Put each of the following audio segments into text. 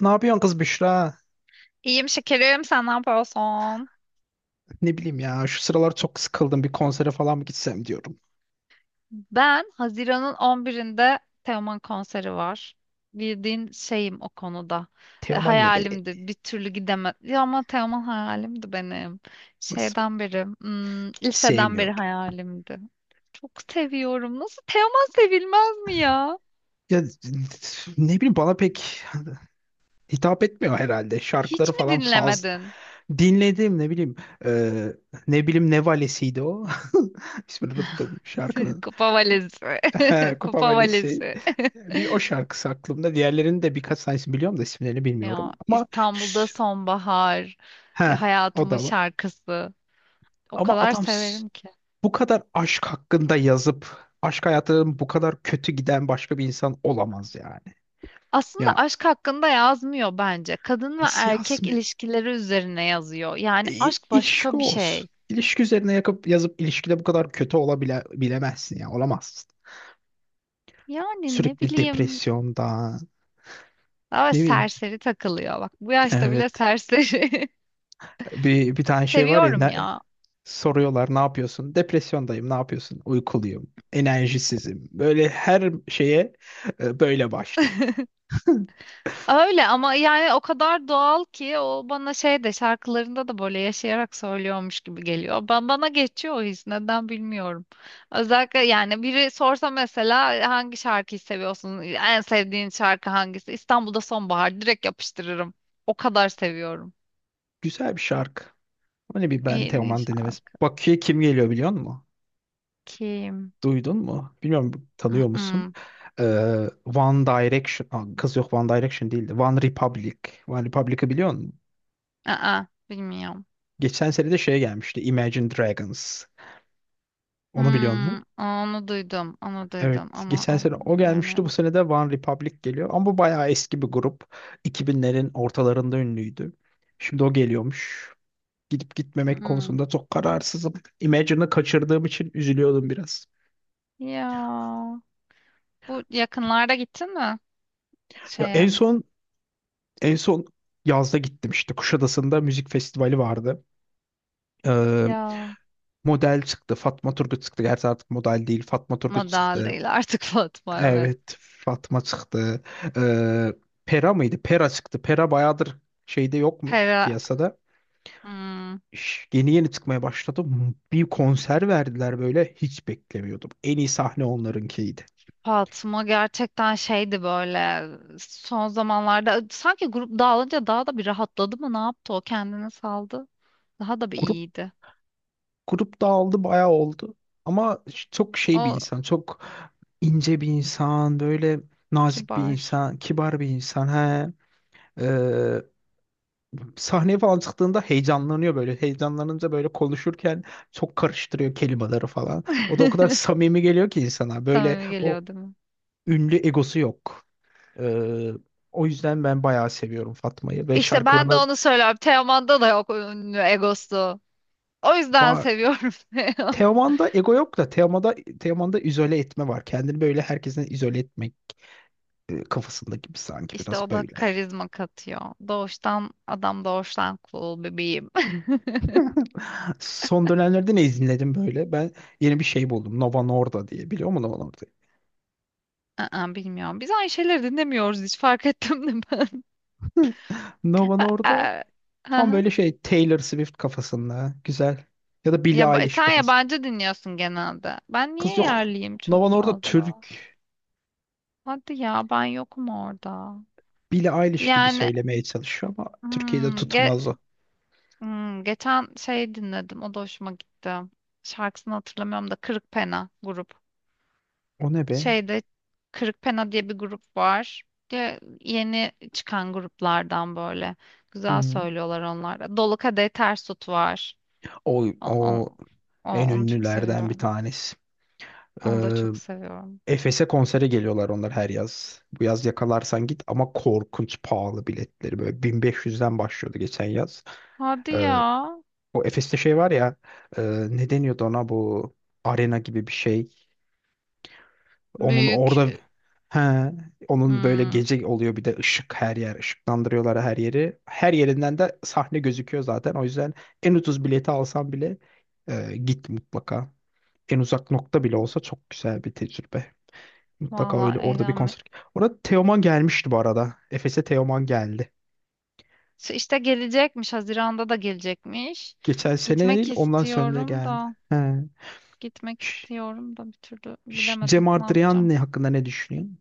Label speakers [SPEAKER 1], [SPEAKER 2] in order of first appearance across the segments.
[SPEAKER 1] Ne yapıyorsun kız Büşra?
[SPEAKER 2] İyiyim şekerim, sen ne yapıyorsun?
[SPEAKER 1] Ne bileyim ya, şu sıralar çok sıkıldım, bir konsere falan mı gitsem diyorum.
[SPEAKER 2] Ben Haziran'ın 11'inde Teoman konseri var. Bildiğin şeyim o konuda. E,
[SPEAKER 1] Teoman ne be?
[SPEAKER 2] hayalimdi. Bir türlü gidemez. Ya ama Teoman hayalimdi benim.
[SPEAKER 1] Nasıl be?
[SPEAKER 2] Şeyden beri,
[SPEAKER 1] Hiç
[SPEAKER 2] liseden beri
[SPEAKER 1] sevmiyorum.
[SPEAKER 2] hayalimdi. Çok seviyorum. Nasıl Teoman sevilmez mi ya?
[SPEAKER 1] Ya, ne bileyim, bana pek hitap etmiyor herhalde. Şarkıları
[SPEAKER 2] Hiç mi
[SPEAKER 1] falan fazla.
[SPEAKER 2] dinlemedin?
[SPEAKER 1] Dinledim, ne bileyim, e, ne bileyim ne valisiydi o. İsmini unuttum şarkının.
[SPEAKER 2] Kupa valizi.
[SPEAKER 1] Kupa
[SPEAKER 2] Kupa
[SPEAKER 1] valisi.
[SPEAKER 2] valizi.
[SPEAKER 1] Bir o şarkısı aklımda. Diğerlerinin de birkaç tanesini biliyorum da isimlerini
[SPEAKER 2] Ya
[SPEAKER 1] bilmiyorum. Ama
[SPEAKER 2] İstanbul'da sonbahar.
[SPEAKER 1] he,
[SPEAKER 2] Ya
[SPEAKER 1] o
[SPEAKER 2] hayatımın
[SPEAKER 1] da var.
[SPEAKER 2] şarkısı. O
[SPEAKER 1] Ama
[SPEAKER 2] kadar
[SPEAKER 1] adam s.
[SPEAKER 2] severim ki.
[SPEAKER 1] Bu kadar aşk hakkında yazıp aşk hayatının bu kadar kötü giden başka bir insan olamaz yani.
[SPEAKER 2] Aslında
[SPEAKER 1] Ya,
[SPEAKER 2] aşk hakkında yazmıyor bence. Kadın ve
[SPEAKER 1] nasıl
[SPEAKER 2] erkek
[SPEAKER 1] yazmıyor?
[SPEAKER 2] ilişkileri üzerine yazıyor. Yani
[SPEAKER 1] E,
[SPEAKER 2] aşk
[SPEAKER 1] ilişki
[SPEAKER 2] başka bir
[SPEAKER 1] olsun.
[SPEAKER 2] şey.
[SPEAKER 1] İlişki üzerine yakıp yazıp ilişkide bu kadar kötü olabile bilemezsin, ya olamazsın.
[SPEAKER 2] Yani ne
[SPEAKER 1] Sürekli
[SPEAKER 2] bileyim.
[SPEAKER 1] depresyondan,
[SPEAKER 2] Daha
[SPEAKER 1] ne bileyim.
[SPEAKER 2] serseri takılıyor. Bak bu yaşta bile
[SPEAKER 1] Evet.
[SPEAKER 2] serseri.
[SPEAKER 1] Bir tane şey var ya,
[SPEAKER 2] Seviyorum
[SPEAKER 1] ne,
[SPEAKER 2] ya.
[SPEAKER 1] soruyorlar ne yapıyorsun? Depresyondayım. Ne yapıyorsun? Uykuluyum. Enerjisizim. Böyle her şeye böyle başlıyor.
[SPEAKER 2] Öyle ama yani o kadar doğal ki o bana şey de şarkılarında da böyle yaşayarak söylüyormuş gibi geliyor. Ben bana geçiyor o his neden bilmiyorum. Özellikle yani biri sorsa mesela hangi şarkıyı seviyorsun? En sevdiğin şarkı hangisi? İstanbul'da Sonbahar direkt yapıştırırım. O kadar seviyorum.
[SPEAKER 1] Güzel bir şarkı. Öyle bir ben
[SPEAKER 2] En iyi
[SPEAKER 1] Teoman denemez.
[SPEAKER 2] şarkı
[SPEAKER 1] Bakü'ye kim geliyor biliyor musun?
[SPEAKER 2] kim?
[SPEAKER 1] Duydun mu? Bilmiyorum, tanıyor musun?
[SPEAKER 2] Mm-mm.
[SPEAKER 1] Ee, One Direction. Aa, kız yok, One Direction değildi. One Republic. One Republic'ı biliyor musun?
[SPEAKER 2] Aa, bilmiyorum.
[SPEAKER 1] Geçen sene de şey gelmişti. Imagine Dragons. Onu biliyor musun?
[SPEAKER 2] Hmm, onu duydum, onu duydum
[SPEAKER 1] Evet.
[SPEAKER 2] ama
[SPEAKER 1] Geçen sene o
[SPEAKER 2] bilmiyorum ya.
[SPEAKER 1] gelmişti. Bu sene de One Republic geliyor. Ama bu bayağı eski bir grup. 2000'lerin ortalarında ünlüydü. Şimdi o geliyormuş. Gidip gitmemek
[SPEAKER 2] Hmm.
[SPEAKER 1] konusunda çok kararsızım. Imagine'ı kaçırdığım için üzülüyordum biraz.
[SPEAKER 2] Ya. Bu yakınlarda gittin mi
[SPEAKER 1] Ya,
[SPEAKER 2] şeye?
[SPEAKER 1] en son en son yazda gittim, işte Kuşadası'nda müzik festivali vardı. Ee,
[SPEAKER 2] Ya,
[SPEAKER 1] Model çıktı. Fatma Turgut çıktı. Gerçi artık model değil. Fatma Turgut
[SPEAKER 2] model
[SPEAKER 1] çıktı.
[SPEAKER 2] değil artık, Fatma evet.
[SPEAKER 1] Evet. Fatma çıktı. Ee, Pera mıydı? Pera çıktı. Pera bayağıdır şeyde yokmuş
[SPEAKER 2] Pera,
[SPEAKER 1] piyasada.
[SPEAKER 2] hmm,
[SPEAKER 1] Yeni yeni çıkmaya başladı. Bir konser verdiler böyle. Hiç beklemiyordum. En iyi sahne onlarınkiydi.
[SPEAKER 2] Fatma gerçekten şeydi böyle son zamanlarda sanki grup dağılınca daha da bir rahatladı mı ne yaptı o kendini saldı. Daha da bir
[SPEAKER 1] Grup
[SPEAKER 2] iyiydi.
[SPEAKER 1] grup dağıldı, bayağı oldu. Ama çok şey bir
[SPEAKER 2] O
[SPEAKER 1] insan, çok ince bir insan, böyle nazik bir
[SPEAKER 2] kibar.
[SPEAKER 1] insan, kibar bir insan. He. Ee, Sahneye falan çıktığında heyecanlanıyor böyle. Heyecanlanınca böyle konuşurken çok karıştırıyor kelimeleri falan. O da o kadar samimi geliyor ki insana. Böyle
[SPEAKER 2] Samimi
[SPEAKER 1] o
[SPEAKER 2] geliyor değil mi?
[SPEAKER 1] ünlü egosu yok. Ee, O yüzden ben bayağı seviyorum Fatma'yı ve
[SPEAKER 2] İşte ben de
[SPEAKER 1] şarkılarına
[SPEAKER 2] onu söylüyorum. Teoman'da da yok ünlü egosu. O yüzden
[SPEAKER 1] var.
[SPEAKER 2] seviyorum.
[SPEAKER 1] Teoman'da ego yok da, Teoman'da izole etme var. Kendini böyle herkesten izole etmek, kafasında gibi sanki
[SPEAKER 2] İşte
[SPEAKER 1] biraz
[SPEAKER 2] o da
[SPEAKER 1] böyle.
[SPEAKER 2] karizma katıyor. Doğuştan adam doğuştan cool bebeğim.
[SPEAKER 1] Son dönemlerde ne izledim böyle? Ben yeni bir şey buldum. Nova Norda diye. Biliyor musun Nova Norda'yı?
[SPEAKER 2] Aa, bilmiyorum. Biz aynı şeyleri dinlemiyoruz, hiç fark ettim de ben.
[SPEAKER 1] Nova Norda
[SPEAKER 2] Aa,
[SPEAKER 1] tam
[SPEAKER 2] aha.
[SPEAKER 1] böyle şey, Taylor Swift kafasında. Güzel. Ya da Billie
[SPEAKER 2] Ya ba-
[SPEAKER 1] Eilish
[SPEAKER 2] sen
[SPEAKER 1] kafası.
[SPEAKER 2] yabancı dinliyorsun genelde. Ben
[SPEAKER 1] Kız
[SPEAKER 2] niye
[SPEAKER 1] yok.
[SPEAKER 2] yerliyim çok
[SPEAKER 1] Nova Norda
[SPEAKER 2] fazla?
[SPEAKER 1] Türk.
[SPEAKER 2] Hadi ya, ben yokum orada.
[SPEAKER 1] Billie Eilish gibi
[SPEAKER 2] Yani
[SPEAKER 1] söylemeye çalışıyor ama Türkiye'de
[SPEAKER 2] hmm,
[SPEAKER 1] tutmaz
[SPEAKER 2] ge-
[SPEAKER 1] o.
[SPEAKER 2] geçen şey dinledim. O da hoşuma gitti. Şarkısını hatırlamıyorum da, Kırık Pena grup.
[SPEAKER 1] O ne be?
[SPEAKER 2] Şeyde Kırıkpena diye bir grup var. Ya, yeni çıkan gruplardan böyle.
[SPEAKER 1] Hı
[SPEAKER 2] Güzel
[SPEAKER 1] hı.
[SPEAKER 2] söylüyorlar onlar da. Dolu Kadehi Ters Tut var.
[SPEAKER 1] O,
[SPEAKER 2] O, o-
[SPEAKER 1] o
[SPEAKER 2] o-
[SPEAKER 1] en
[SPEAKER 2] onu çok
[SPEAKER 1] ünlülerden bir
[SPEAKER 2] seviyorum.
[SPEAKER 1] tanesi.
[SPEAKER 2] Onu da
[SPEAKER 1] Ee,
[SPEAKER 2] çok seviyorum.
[SPEAKER 1] Efes'e konsere geliyorlar onlar her yaz. Bu yaz yakalarsan git, ama korkunç pahalı biletleri. Böyle 1500'den başlıyordu geçen yaz.
[SPEAKER 2] Hadi
[SPEAKER 1] Ee,
[SPEAKER 2] ya.
[SPEAKER 1] O Efes'te şey var ya, e, ne deniyordu ona, bu arena gibi bir şey. Onun
[SPEAKER 2] Büyük.
[SPEAKER 1] orada, he, onun böyle
[SPEAKER 2] Hmm,
[SPEAKER 1] gece oluyor, bir de ışık, her yer ışıklandırıyorlar her yeri. Her yerinden de sahne gözüküyor zaten. O yüzden en ucuz bileti alsan bile, git mutlaka. En uzak nokta bile olsa çok güzel bir tecrübe. Mutlaka
[SPEAKER 2] valla
[SPEAKER 1] öyle orada bir
[SPEAKER 2] eğlenme.
[SPEAKER 1] konser. Orada Teoman gelmişti bu arada. Efes'e Teoman geldi.
[SPEAKER 2] Şu İşte gelecekmiş. Haziran'da da gelecekmiş.
[SPEAKER 1] Geçen sene değil,
[SPEAKER 2] Gitmek
[SPEAKER 1] ondan sonra da
[SPEAKER 2] istiyorum
[SPEAKER 1] geldi.
[SPEAKER 2] da.
[SPEAKER 1] He.
[SPEAKER 2] Gitmek
[SPEAKER 1] Ş-
[SPEAKER 2] istiyorum da, bir türlü bilemedim
[SPEAKER 1] Cem
[SPEAKER 2] ne
[SPEAKER 1] Adrian
[SPEAKER 2] yapacağım.
[SPEAKER 1] ne hakkında ne düşünüyorsun?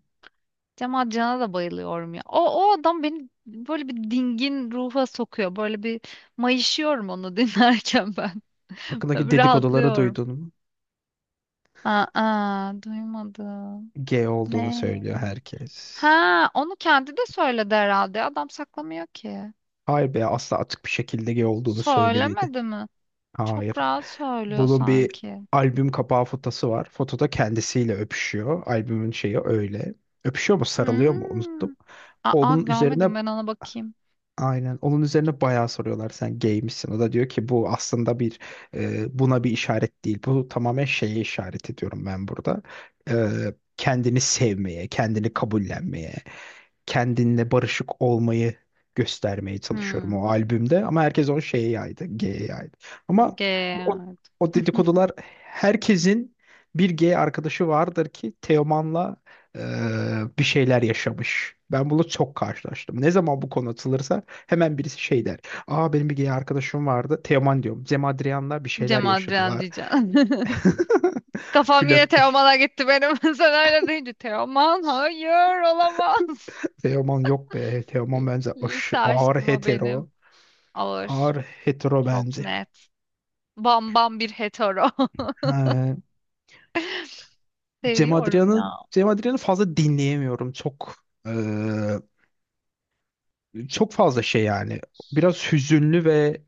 [SPEAKER 2] Cemal Can'a da bayılıyorum ya. O, o adam beni böyle bir dingin ruha sokuyor. Böyle bir mayışıyorum onu dinlerken ben. Böyle
[SPEAKER 1] Hakkındaki
[SPEAKER 2] bir
[SPEAKER 1] dedikoduları
[SPEAKER 2] rahatlıyorum.
[SPEAKER 1] duydun mu?
[SPEAKER 2] Aa, aa, duymadım.
[SPEAKER 1] G olduğunu
[SPEAKER 2] Ne?
[SPEAKER 1] söylüyor herkes.
[SPEAKER 2] Ha, onu kendi de söyledi herhalde. Adam saklamıyor ki.
[SPEAKER 1] Hayır be, asla açık bir şekilde G olduğunu söylemedi.
[SPEAKER 2] Söylemedi mi? Çok
[SPEAKER 1] Hayır.
[SPEAKER 2] rahat söylüyor
[SPEAKER 1] Bunun bir
[SPEAKER 2] sanki.
[SPEAKER 1] albüm kapağı fotosu var. Fotoda kendisiyle öpüşüyor. Albümün şeyi öyle. Öpüşüyor mu, sarılıyor mu, unuttum.
[SPEAKER 2] Hmm. Aa,
[SPEAKER 1] Onun üzerine,
[SPEAKER 2] görmedim, ben ona bakayım.
[SPEAKER 1] aynen onun üzerine bayağı soruyorlar sen gay misin? O da diyor ki bu aslında bir, buna bir işaret değil. Bu tamamen şeye işaret ediyorum ben burada. E, Kendini sevmeye, kendini kabullenmeye, kendinle barışık olmayı göstermeye çalışıyorum
[SPEAKER 2] Hmm.
[SPEAKER 1] o albümde. Ama herkes onu şeye yaydı, G'ye yaydı. Ama
[SPEAKER 2] G.
[SPEAKER 1] o, o dedikodular, herkesin bir G arkadaşı vardır ki Teoman'la, e, bir şeyler yaşamış. Ben bunu çok karşılaştım. Ne zaman bu konu atılırsa hemen birisi şey der. Aa, benim bir gay arkadaşım vardı. Teoman diyorum. Cem Adrian'la bir şeyler
[SPEAKER 2] Cemal Can
[SPEAKER 1] yaşadılar.
[SPEAKER 2] diyeceğim. Kafam yine
[SPEAKER 1] Flörtleş.
[SPEAKER 2] Teoman'a gitti benim. Sen öyle deyince Teoman hayır olamaz.
[SPEAKER 1] Teoman yok be. Teoman bence
[SPEAKER 2] Lise
[SPEAKER 1] ağır
[SPEAKER 2] aşkım o benim.
[SPEAKER 1] hetero.
[SPEAKER 2] Ağır.
[SPEAKER 1] Ağır hetero
[SPEAKER 2] Çok
[SPEAKER 1] bence.
[SPEAKER 2] net. Bam bam bir hetero.
[SPEAKER 1] Ha, Cem
[SPEAKER 2] Seviyorum
[SPEAKER 1] Adrian'ı
[SPEAKER 2] ya.
[SPEAKER 1] Cem Adrian'ı fazla dinleyemiyorum. Çok, çok fazla şey yani. Biraz hüzünlü ve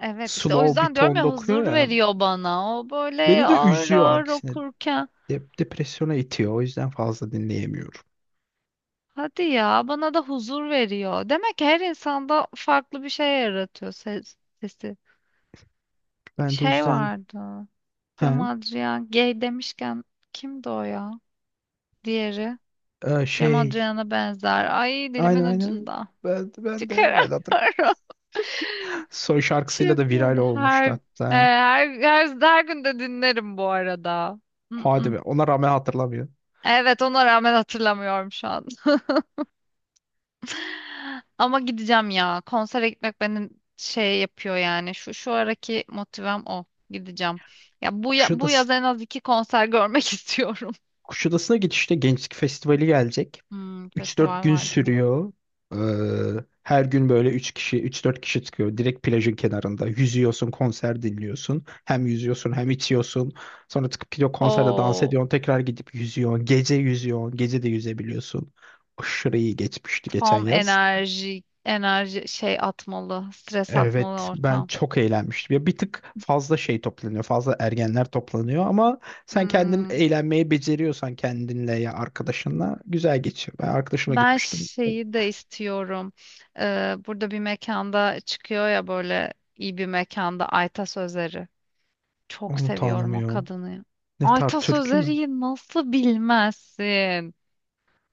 [SPEAKER 2] Evet işte o
[SPEAKER 1] slow bir
[SPEAKER 2] yüzden diyorum
[SPEAKER 1] tonda
[SPEAKER 2] ya,
[SPEAKER 1] okuyor
[SPEAKER 2] huzur
[SPEAKER 1] ya.
[SPEAKER 2] veriyor bana. O böyle
[SPEAKER 1] Beni de
[SPEAKER 2] ağır
[SPEAKER 1] üzüyor
[SPEAKER 2] ağır
[SPEAKER 1] aksine.
[SPEAKER 2] okurken.
[SPEAKER 1] Depresyona itiyor. O yüzden fazla dinleyemiyorum.
[SPEAKER 2] Hadi ya, bana da huzur veriyor. Demek ki her insanda farklı bir şey yaratıyor sesi.
[SPEAKER 1] Ben de o
[SPEAKER 2] Şey
[SPEAKER 1] yüzden,
[SPEAKER 2] vardı. Cem
[SPEAKER 1] ha,
[SPEAKER 2] Adrian gay demişken kimdi o ya? Diğeri.
[SPEAKER 1] e,
[SPEAKER 2] Cem
[SPEAKER 1] şey
[SPEAKER 2] Adrian'a benzer. Ay, dilimin
[SPEAKER 1] aynen aynen
[SPEAKER 2] ucunda.
[SPEAKER 1] ben de hatırlıyorum.
[SPEAKER 2] Çıkaramıyorum.
[SPEAKER 1] Son şarkısıyla
[SPEAKER 2] Şey
[SPEAKER 1] da viral
[SPEAKER 2] oldu.
[SPEAKER 1] olmuştu
[SPEAKER 2] Her, e,
[SPEAKER 1] hatta.
[SPEAKER 2] her, her, her gün de dinlerim bu arada.
[SPEAKER 1] Hadi
[SPEAKER 2] Mm-mm.
[SPEAKER 1] be. Ona rağmen hatırlamıyorum.
[SPEAKER 2] Evet, ona rağmen hatırlamıyorum şu an. Ama gideceğim ya. Konsere gitmek beni şey yapıyor yani. Şu şu araki motivem o. Gideceğim. Bu
[SPEAKER 1] Kuşadası
[SPEAKER 2] yaz en az iki konser görmek istiyorum.
[SPEAKER 1] Kuşadası'na geçişte Gençlik Festivali gelecek.
[SPEAKER 2] Hmm,
[SPEAKER 1] Üç dört
[SPEAKER 2] festival
[SPEAKER 1] gün
[SPEAKER 2] vardı mı?
[SPEAKER 1] sürüyor. Her gün böyle 3 kişi, üç dört kişi çıkıyor. Direkt plajın kenarında. Yüzüyorsun, konser dinliyorsun. Hem yüzüyorsun hem içiyorsun. Sonra çıkıp gidiyor, konserde dans
[SPEAKER 2] Oo.
[SPEAKER 1] ediyorsun. Tekrar gidip yüzüyorsun. Gece yüzüyorsun. Gece de yüzebiliyorsun. Aşırı iyi geçmişti geçen
[SPEAKER 2] Tam
[SPEAKER 1] yaz.
[SPEAKER 2] enerji, enerji şey atmalı, stres atmalı
[SPEAKER 1] Evet, ben
[SPEAKER 2] ortam.
[SPEAKER 1] çok eğlenmiştim. Ya bir tık fazla şey toplanıyor. Fazla ergenler toplanıyor ama sen kendin
[SPEAKER 2] Hmm.
[SPEAKER 1] eğlenmeyi beceriyorsan kendinle ya arkadaşınla güzel geçiyor. Ben arkadaşıma
[SPEAKER 2] Ben
[SPEAKER 1] gitmiştim. E,
[SPEAKER 2] şeyi de istiyorum. Burada bir mekanda çıkıyor ya, böyle iyi bir mekanda, Ayta Sözleri. Çok
[SPEAKER 1] onu
[SPEAKER 2] seviyorum o
[SPEAKER 1] tanımıyorum.
[SPEAKER 2] kadını.
[SPEAKER 1] Ne tarz,
[SPEAKER 2] Ayta
[SPEAKER 1] türkü mü?
[SPEAKER 2] Sözeri'yi nasıl bilmezsin?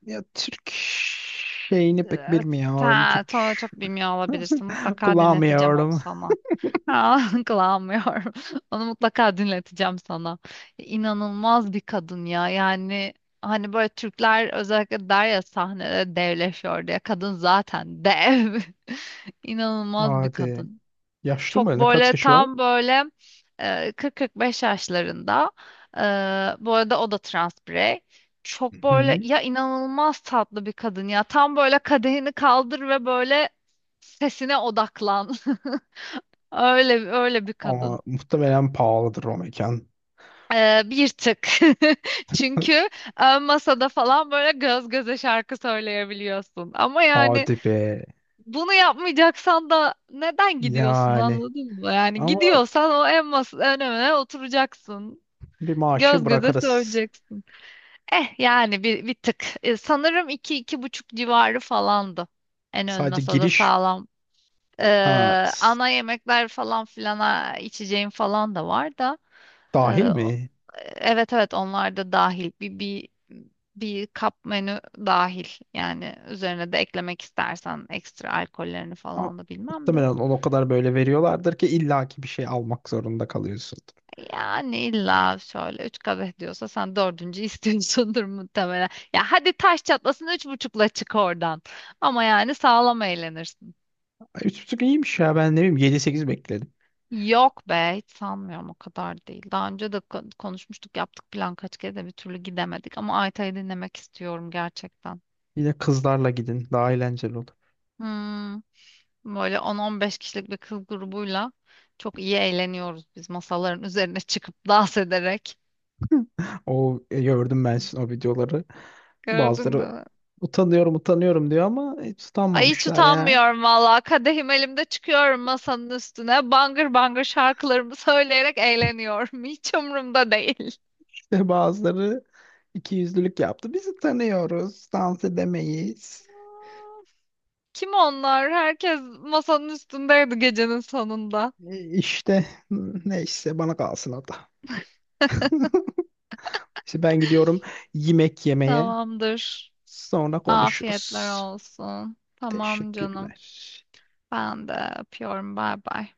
[SPEAKER 1] Ya Türk şeyini pek
[SPEAKER 2] Ee,
[SPEAKER 1] bilmiyorum.
[SPEAKER 2] sen,
[SPEAKER 1] Türk
[SPEAKER 2] sonra çok bilmiyor olabilirsin. Mutlaka dinleteceğim onu
[SPEAKER 1] kullanmıyorum.
[SPEAKER 2] sana. Aa, kıvamıyorum. Onu mutlaka dinleteceğim sana. İnanılmaz bir kadın ya. Yani hani böyle Türkler özellikle der ya sahnede devleşiyor diye. Kadın zaten dev. İnanılmaz bir
[SPEAKER 1] Hadi.
[SPEAKER 2] kadın.
[SPEAKER 1] Yaşlı
[SPEAKER 2] Çok
[SPEAKER 1] mı? Ne, kaç
[SPEAKER 2] böyle,
[SPEAKER 1] yaşı var?
[SPEAKER 2] tam böyle, 40-45 yaşlarında. E, bu arada o da trans birey. Çok böyle
[SPEAKER 1] Hı.
[SPEAKER 2] ya, inanılmaz tatlı bir kadın ya. Tam böyle kadehini kaldır ve böyle sesine odaklan. Öyle öyle bir kadın.
[SPEAKER 1] Ama muhtemelen pahalıdır o mekan.
[SPEAKER 2] Bir tık. Çünkü ön masada falan böyle göz göze şarkı söyleyebiliyorsun. Ama yani
[SPEAKER 1] Hadi be.
[SPEAKER 2] bunu yapmayacaksan da neden gidiyorsun,
[SPEAKER 1] Yani.
[SPEAKER 2] anladın mı? Yani
[SPEAKER 1] Ama
[SPEAKER 2] gidiyorsan o en masa önüne oturacaksın.
[SPEAKER 1] bir maaşı
[SPEAKER 2] Göz göze
[SPEAKER 1] bırakırız.
[SPEAKER 2] söyleyeceksin. Eh yani bir tık. Sanırım iki, iki buçuk civarı falandı. En ön
[SPEAKER 1] Sadece
[SPEAKER 2] masada
[SPEAKER 1] giriş,
[SPEAKER 2] sağlam. Ee,
[SPEAKER 1] ha
[SPEAKER 2] ana yemekler falan filana, içeceğim falan da var da.
[SPEAKER 1] dahil
[SPEAKER 2] Ee, o-
[SPEAKER 1] mi?
[SPEAKER 2] evet evet, onlar da dahil. Bir kap menü dahil. Yani üzerine de eklemek istersen ekstra alkollerini
[SPEAKER 1] Ama
[SPEAKER 2] falan da bilmem
[SPEAKER 1] muhtemelen
[SPEAKER 2] de.
[SPEAKER 1] onu o kadar böyle veriyorlardır ki illaki bir şey almak zorunda kalıyorsun.
[SPEAKER 2] Yani illa şöyle üç kadeh diyorsa sen dördüncü istiyorsundur muhtemelen. Ya hadi, taş çatlasın üç buçukla çık oradan. Ama yani sağlam eğlenirsin.
[SPEAKER 1] Ay, üç buçuk iyiymiş ya, ben ne bileyim 7-8 bekledim.
[SPEAKER 2] Yok be, hiç sanmıyorum, o kadar değil. Daha önce de konuşmuştuk, yaptık plan kaç kere de bir türlü gidemedik. Ama Ayta'yı dinlemek istiyorum gerçekten.
[SPEAKER 1] Yine kızlarla gidin, daha eğlenceli olur.
[SPEAKER 2] Hmm. Böyle 10-15 kişilik bir kız grubuyla çok iyi eğleniyoruz biz, masaların üzerine çıkıp dans ederek.
[SPEAKER 1] O, gördüm ben sizin o videoları.
[SPEAKER 2] Gördün
[SPEAKER 1] Bazıları
[SPEAKER 2] değil mi?
[SPEAKER 1] utanıyorum utanıyorum diyor ama hiç
[SPEAKER 2] Ay, hiç
[SPEAKER 1] utanmamışlar ya.
[SPEAKER 2] utanmıyorum valla. Kadehim elimde çıkıyorum masanın üstüne. Bangır bangır şarkılarımı söyleyerek eğleniyorum. Hiç umurumda değil.
[SPEAKER 1] İşte bazıları iki yüzlülük yaptı. Biz utanıyoruz, dans edemeyiz.
[SPEAKER 2] Kim onlar? Herkes masanın üstündeydi gecenin sonunda.
[SPEAKER 1] E, İşte neyse, bana kalsın o da. İşte ben gidiyorum yemek yemeye.
[SPEAKER 2] Tamamdır.
[SPEAKER 1] Sonra
[SPEAKER 2] Afiyetler
[SPEAKER 1] konuşuruz.
[SPEAKER 2] olsun. Tamam canım.
[SPEAKER 1] Teşekkürler.
[SPEAKER 2] Ben de öpüyorum. Bay bay.